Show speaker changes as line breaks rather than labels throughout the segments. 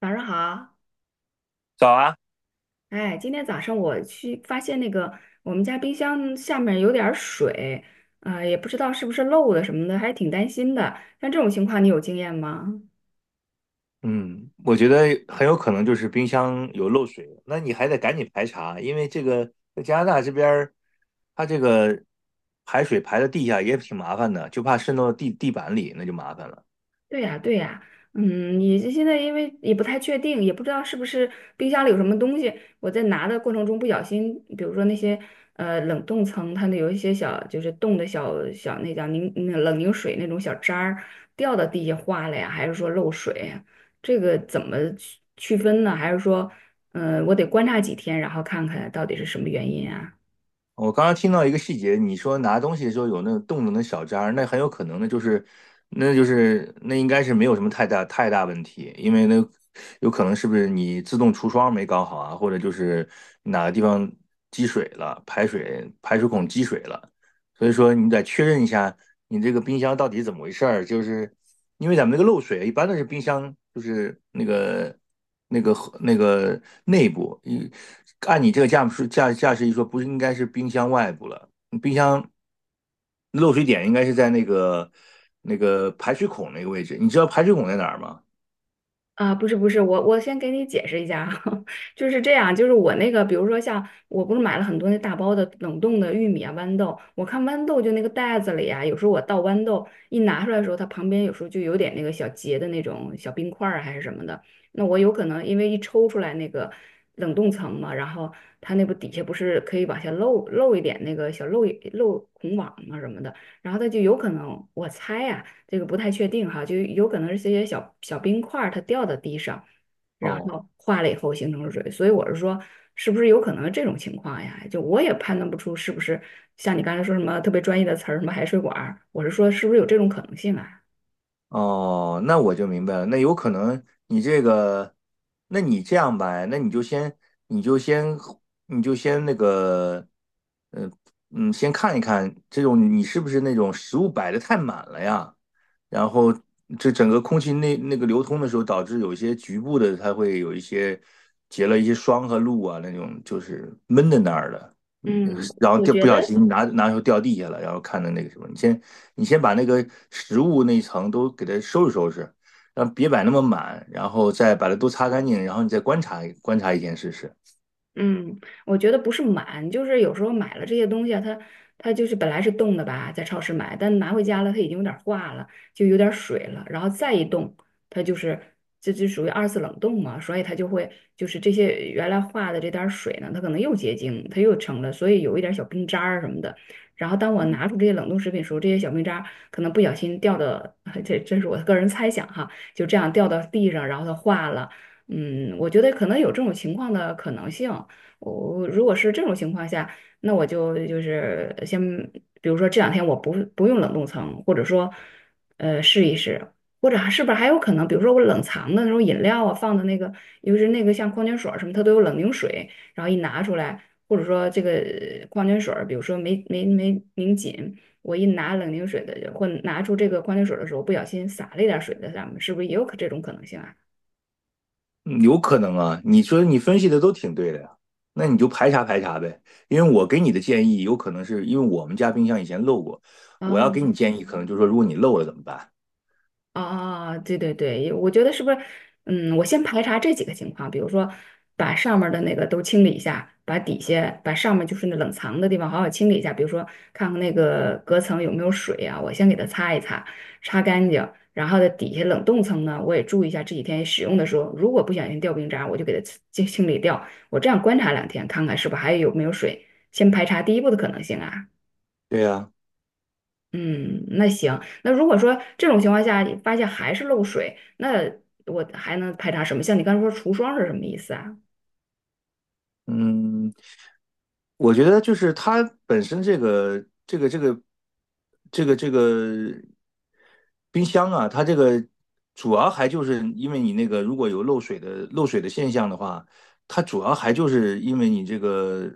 早上好，
早啊。
哎，今天早上我去发现那个我们家冰箱下面有点儿水，啊、也不知道是不是漏的什么的，还挺担心的。像这种情况，你有经验吗？
嗯，我觉得很有可能就是冰箱有漏水，那你还得赶紧排查，因为这个在加拿大这边儿，它这个排水排到地下也挺麻烦的，就怕渗到地板里，那就麻烦了。
对呀，对呀，嗯，你这现在因为也不太确定，也不知道是不是冰箱里有什么东西，我在拿的过程中不小心，比如说那些冷冻层，它那有一些小就是冻的小小那叫凝那冷凝水那种小渣儿掉到地下化了呀，还是说漏水呀这个怎么区分呢？还是说，我得观察几天，然后看看到底是什么原因啊？
我刚刚听到一个细节，你说拿东西的时候有那个洞动的小渣儿，那很有可能的就是，那就是那应该是没有什么太大问题，因为那有可能是不是你自动除霜没搞好啊，或者就是哪个地方积水了，排水孔积水了。所以说你得确认一下你这个冰箱到底怎么回事儿，就是因为咱们这个漏水一般都是冰箱就是那个那个内部，一按你这个驾驶一说，不是应该是冰箱外部了，冰箱漏水点应该是在那个排水孔那个位置，你知道排水孔在哪儿吗？
啊，不是不是，我先给你解释一下啊，就是这样，就是我那个，比如说像我不是买了很多那大包的冷冻的玉米啊、豌豆，我看豌豆就那个袋子里啊，有时候我倒豌豆一拿出来的时候，它旁边有时候就有点那个小结的那种小冰块儿啊还是什么的，那我有可能因为一抽出来那个冷冻层嘛，然后它那不底下不是可以往下漏一点那个小漏孔网嘛什么的，然后它就有可能我猜呀、这个不太确定哈，就有可能是这些小小冰块儿它掉到地上，然
哦。
后化了以后形成了水，所以我是说，是不是有可能这种情况呀？就我也判断不出是不是像你刚才说什么特别专业的词儿，什么海水管儿，我是说是不是有这种可能性啊？
哦，那我就明白了。那有可能你这个，那你这样吧，那你就先，你就先，你就先那个，呃，嗯，先看一看这种你是不是那种食物摆的太满了呀？然后这整个空气那个流通的时候，导致有一些局部的它会有一些结了一些霜和露啊，那种就是闷在那儿的。嗯
嗯，
然后
我
掉
觉
不
得。
小心拿手掉地下了，然后看的那个什么，你先把那个食物那一层都给它收拾收拾，让别摆那么满，然后再把它都擦干净，然后你再观察观察一天试试。
嗯，我觉得不是满，就是有时候买了这些东西啊，它就是本来是冻的吧，在超市买，但拿回家了，它已经有点儿化了，就有点儿水了，然后再一冻，它就是这就属于二次冷冻嘛，所以它就会就是这些原来化的这点儿水呢，它可能又结晶，它又成了，所以有一点儿小冰渣儿什么的。然后当我拿出这些冷冻食品的时候，这些小冰渣儿可能不小心掉到，这是我个人猜想哈，就这样掉到地上，然后它化了。嗯，我觉得可能有这种情况的可能性。我如果是这种情况下，那我就是先，比如说这两天我不用冷冻层，或者说，试一试，或者还是不是还有可能，比如说我冷藏的那种饮料啊，放的那个，尤其是那个像矿泉水儿什么，它都有冷凝水，然后一拿出来，或者说这个矿泉水儿比如说没拧紧，我一拿冷凝水的或拿出这个矿泉水儿的时候，不小心洒了一点儿水在上面，是不是也有这种可能性啊？
嗯有可能啊，你说你分析的都挺对的呀，那你就排查排查呗。因为我给你的建议，有可能是因为我们家冰箱以前漏过，我要
哦，
给你建议，可能就是说如果你漏了怎么办？
啊，啊对对对，我觉得是不是，嗯，我先排查这几个情况，比如说把上面儿的那个都清理一下，把底下、把上面就是那冷藏的地方好好清理一下，比如说看看那个隔层有没有水啊，我先给它擦一擦，擦干净，然后在底下冷冻层呢，我也注意一下这几天使用的时候，如果不小心掉冰渣儿我就给它清理掉，我这样观察两天，看看是不是还有没有水，先排查第一步的可能性啊。
对呀。
嗯，那行，那如果说这种情况下你发现还是漏水，那我还能排查什么？像你刚才说除霜是什么意思啊？
嗯，我觉得就是它本身这个冰箱啊，它这个主要还就是因为你那个如果有漏水的现象的话，它主要还就是因为你这个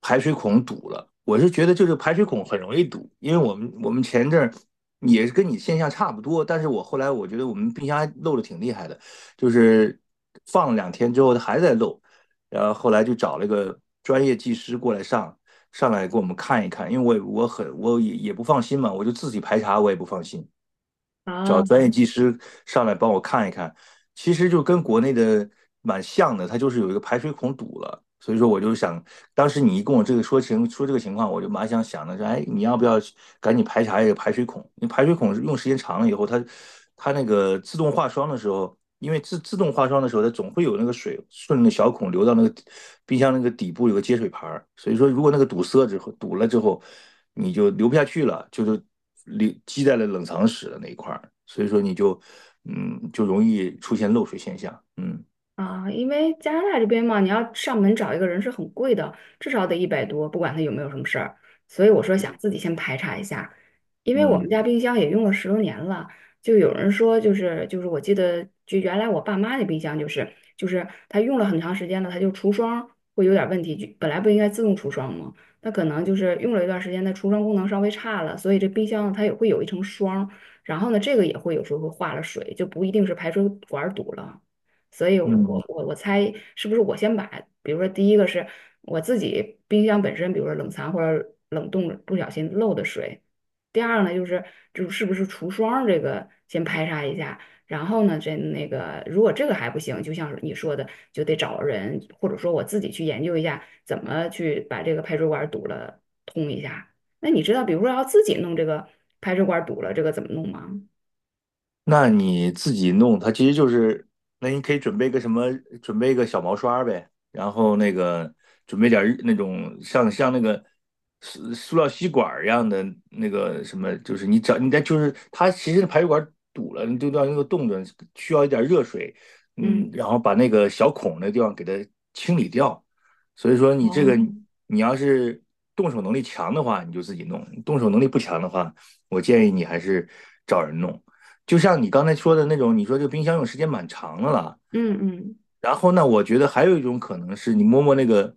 排水孔堵了。我是觉得就是排水孔很容易堵，因为我们前一阵儿也是跟你现象差不多，但是我后来我觉得我们冰箱还漏的挺厉害的，就是放了两天之后它还在漏。然后后来就找了个专业技师过来上来给我们看一看，因为我也不放心嘛，我就自己排查我也不放心，
啊？
找专业技师上来帮我看一看，其实就跟国内的蛮像的，它就是有一个排水孔堵了，所以说我就想，当时你一跟我这个说这个情况，我就蛮想的是，哎，你要不要赶紧排查一个排水孔？因为排水孔用时间长了以后，它它那个自动化霜的时候，因为自动化霜的时候，它总会有那个水顺着小孔流到那个冰箱那个底部有个接水盘儿，所以说如果那个堵了之后，你就流不下去了，就是。里积在了冷藏室的那一块儿，所以说你就嗯就容易出现漏水现象。嗯。
啊，因为加拿大这边嘛，你要上门找一个人是很贵的，至少得一百多，不管他有没有什么事儿。所以我说想
对。
自己先排查一下，因为我们家
嗯
冰箱也用了十多年了，就有人说就是我记得就原来我爸妈的冰箱就是它用了很长时间了，它就除霜会有点问题，就本来不应该自动除霜吗？那可能就是用了一段时间，它除霜功能稍微差了，所以这冰箱它也会有一层霜，然后呢这个也会有时候会化了水，就不一定是排水管堵了。所以我
嗯。
我我猜是不是我先把，比如说第一个是我自己冰箱本身，比如说冷藏或者冷冻不小心漏的水，第二呢就是就是不是除霜这个先排查一下，然后呢这那个如果这个还不行，就像是你说的，就得找人或者说我自己去研究一下怎么去把这个排水管堵了通一下。那你知道，比如说要自己弄这个排水管堵了，这个怎么弄吗？
那你自己弄，它其实就是，那你可以准备个什么，准备个小毛刷呗，然后那个准备点儿那种像那个塑料吸管儿一样的那个什么，就是你找你在就是它其实排水管堵了，你就到那个洞子需要一点热水，嗯，
嗯
然后把那个小孔那地方给它清理掉。所以说你这个
哦，
你要是动手能力强的话，你就自己弄；动手能力不强的话，我建议你还是找人弄。就像你刚才说的那种，你说这个冰箱用时间蛮长的了。
嗯嗯。
然后呢，我觉得还有一种可能是你摸摸那个，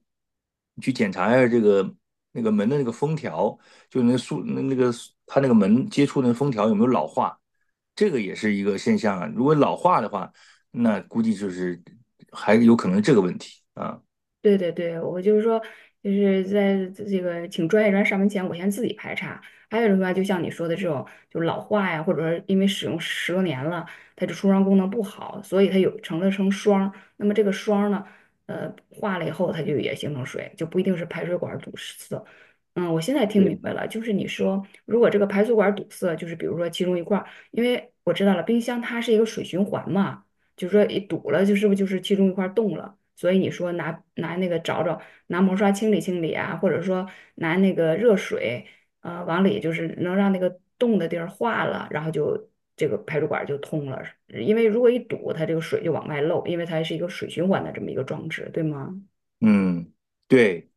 你去检查一下这个那个门的那个封条，就那个它那个门接触那封条有没有老化，这个也是一个现象啊。如果老化的话，那估计就是还有可能这个问题啊。
对对对，我就是说，就是在这个请专业人上门前，我先自己排查。还有的话，就像你说的这种，就老化呀，或者说因为使用十多年了，它这出伤功能不好，所以它有成了成霜儿那么这个霜儿呢，化了以后，它就也形成水，就不一定是排水管儿堵塞。嗯，我现在听明
对。
白了，就是你说，如果这个排水管儿堵塞，就是比如说其中一块儿，因为我知道了，冰箱它是一个水循环嘛。就说一堵了，就是不就是其中一块儿动了？所以你说拿那个找，拿毛刷清理清理啊，或者说拿那个热水，往里就是能让那个冻的地儿化了，然后就这个排水管儿就通了。因为如果一堵，它这个水就往外漏，因为它是一个水循环的这么一个装置，对吗？
嗯，对，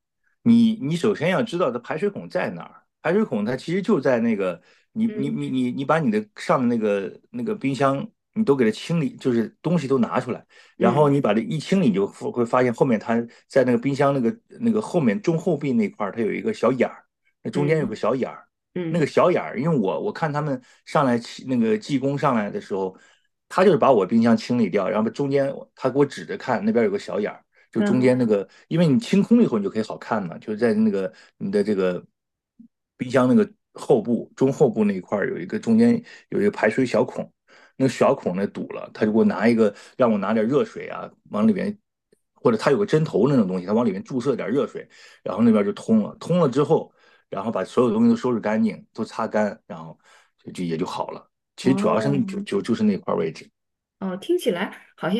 你你首先要知道它排水孔在哪儿，排水孔它其实就在那个你你
嗯
你你你把你的上的那个冰箱你都给它清理，就是东西都拿出来，然后
嗯
你把这一清理，你就会发现后面它在那个冰箱那个后面中后壁那块儿它有一个小眼儿，那中间有
嗯
个小眼儿，那个
嗯
小眼儿，因为我看他们上来起那个技工上来的时候，他就是把我冰箱清理掉，然后中间他给我指着看那边有个小眼儿。就中
嗯，
间那个，因为你清空了以后，你就可以好看嘛，就是在那个你的这个冰箱那个后部、中后部那一块儿有一个中间有一个排水小孔，那个小孔那堵了，他就给我拿一个让我拿点热水啊，往里面，或者他有个针头那种东西，他往里面注射点热水，然后那边就通了，通了之后，然后把所有东西都收拾干净，都擦干，然后就也就好了。其实主要是
哦，
就是那块位置。
哦，听起来好像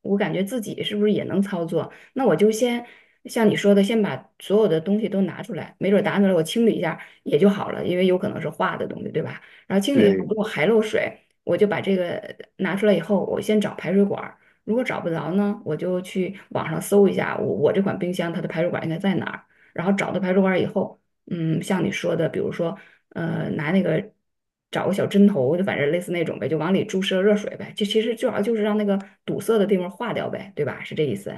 我感觉自己是不是也能操作？那我就先像你说的，先把所有的东西都拿出来，没准儿拿出来我清理一下也就好了，因为有可能是化的东西，对吧？然后清理一下，
对。
如果还漏水，我就把这个拿出来以后，我先找排水管儿，如果找不着呢，我就去网上搜一下我这款冰箱它的排水管应该在哪儿，然后找到排水管儿以后，嗯，像你说的，比如说拿那个找个小针头，就反正类似那种呗，就往里注射热水呗，就其实主要就是让那个堵塞的地方化掉呗，对吧？是这意思？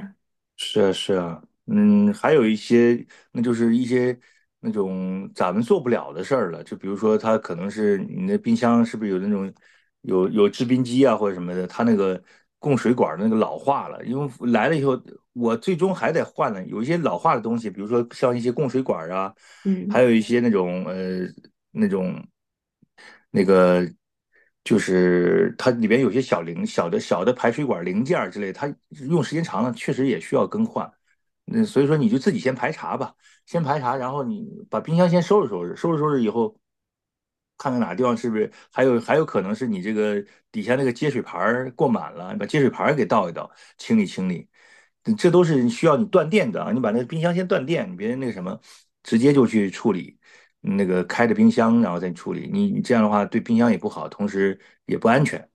是啊，是啊，嗯，还有一些，那就是一些那种咱们做不了的事儿了，就比如说，它可能是你那冰箱是不是有那种有制冰机啊或者什么的，它那个供水管儿那个老化了，因为来了以后，我最终还得换呢。有一些老化的东西，比如说像一些供水管儿啊，还
嗯
有一些那种那种。那个就是它里边有些小的排水管零件儿之类，它用时间长了确实也需要更换。嗯，所以说你就自己先排查吧，先排查，然后你把冰箱先收拾收拾，收拾收拾以后，看看哪个地方是不是还有可能是你这个底下那个接水盘儿过满了，你把接水盘儿给倒一倒，清理清理。这都是需要你断电的啊！你把那个冰箱先断电，你别那个什么，直接就去处理。那个开着冰箱，然后再处理。你这样的话对冰箱也不好，同时也不安全。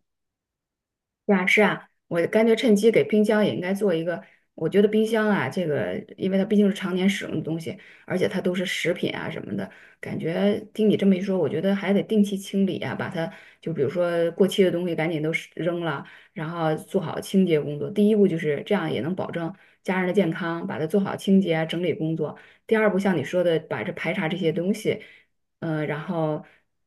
是啊，是啊，我干脆趁机给冰箱也应该做一个。我觉得冰箱啊，这个因为它毕竟是常年使用的东西，而且它都是食品啊什么的，感觉听你这么一说，我觉得还得定期清理啊，把它就比如说过期的东西赶紧都是扔了，然后做好清洁工作。第一步就是这样，也能保证家人的健康，把它做好清洁啊整理工作。第二步，像你说的，把这排查这些东西，然后。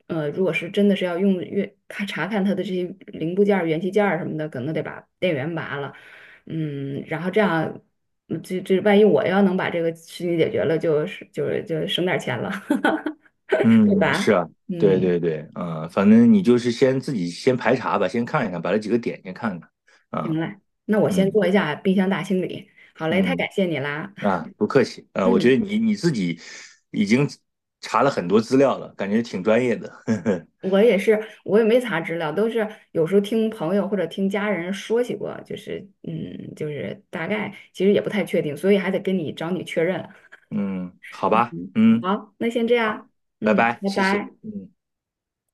如果是真的是要用越看查看它的这些零部件儿、元器件儿什么的，可能得把电源拔了，嗯，然后这样，嗯这万一我要能把这个事情解决了，就省点儿钱了，对
嗯，是
吧？
啊。对
嗯，
对对，嗯，反正你就是自己先排查吧，先看一看，把这几个点先看看。
行
啊。
嘞，那我先
嗯
做一下冰箱大清理。好嘞，太
嗯
感谢你啦。
啊，不客气。啊，我觉
嗯，
得你自己已经查了很多资料了，感觉挺专业的。
我也是，我也没查资料，都是有时候听朋友或者听家人说起过，就是嗯，就是大概，其实也不太确定，所以还得找你确认。
嗯，好吧，
嗯，
嗯，
好，那先这样，
拜
嗯，
拜，
拜
谢谢。
拜。
嗯。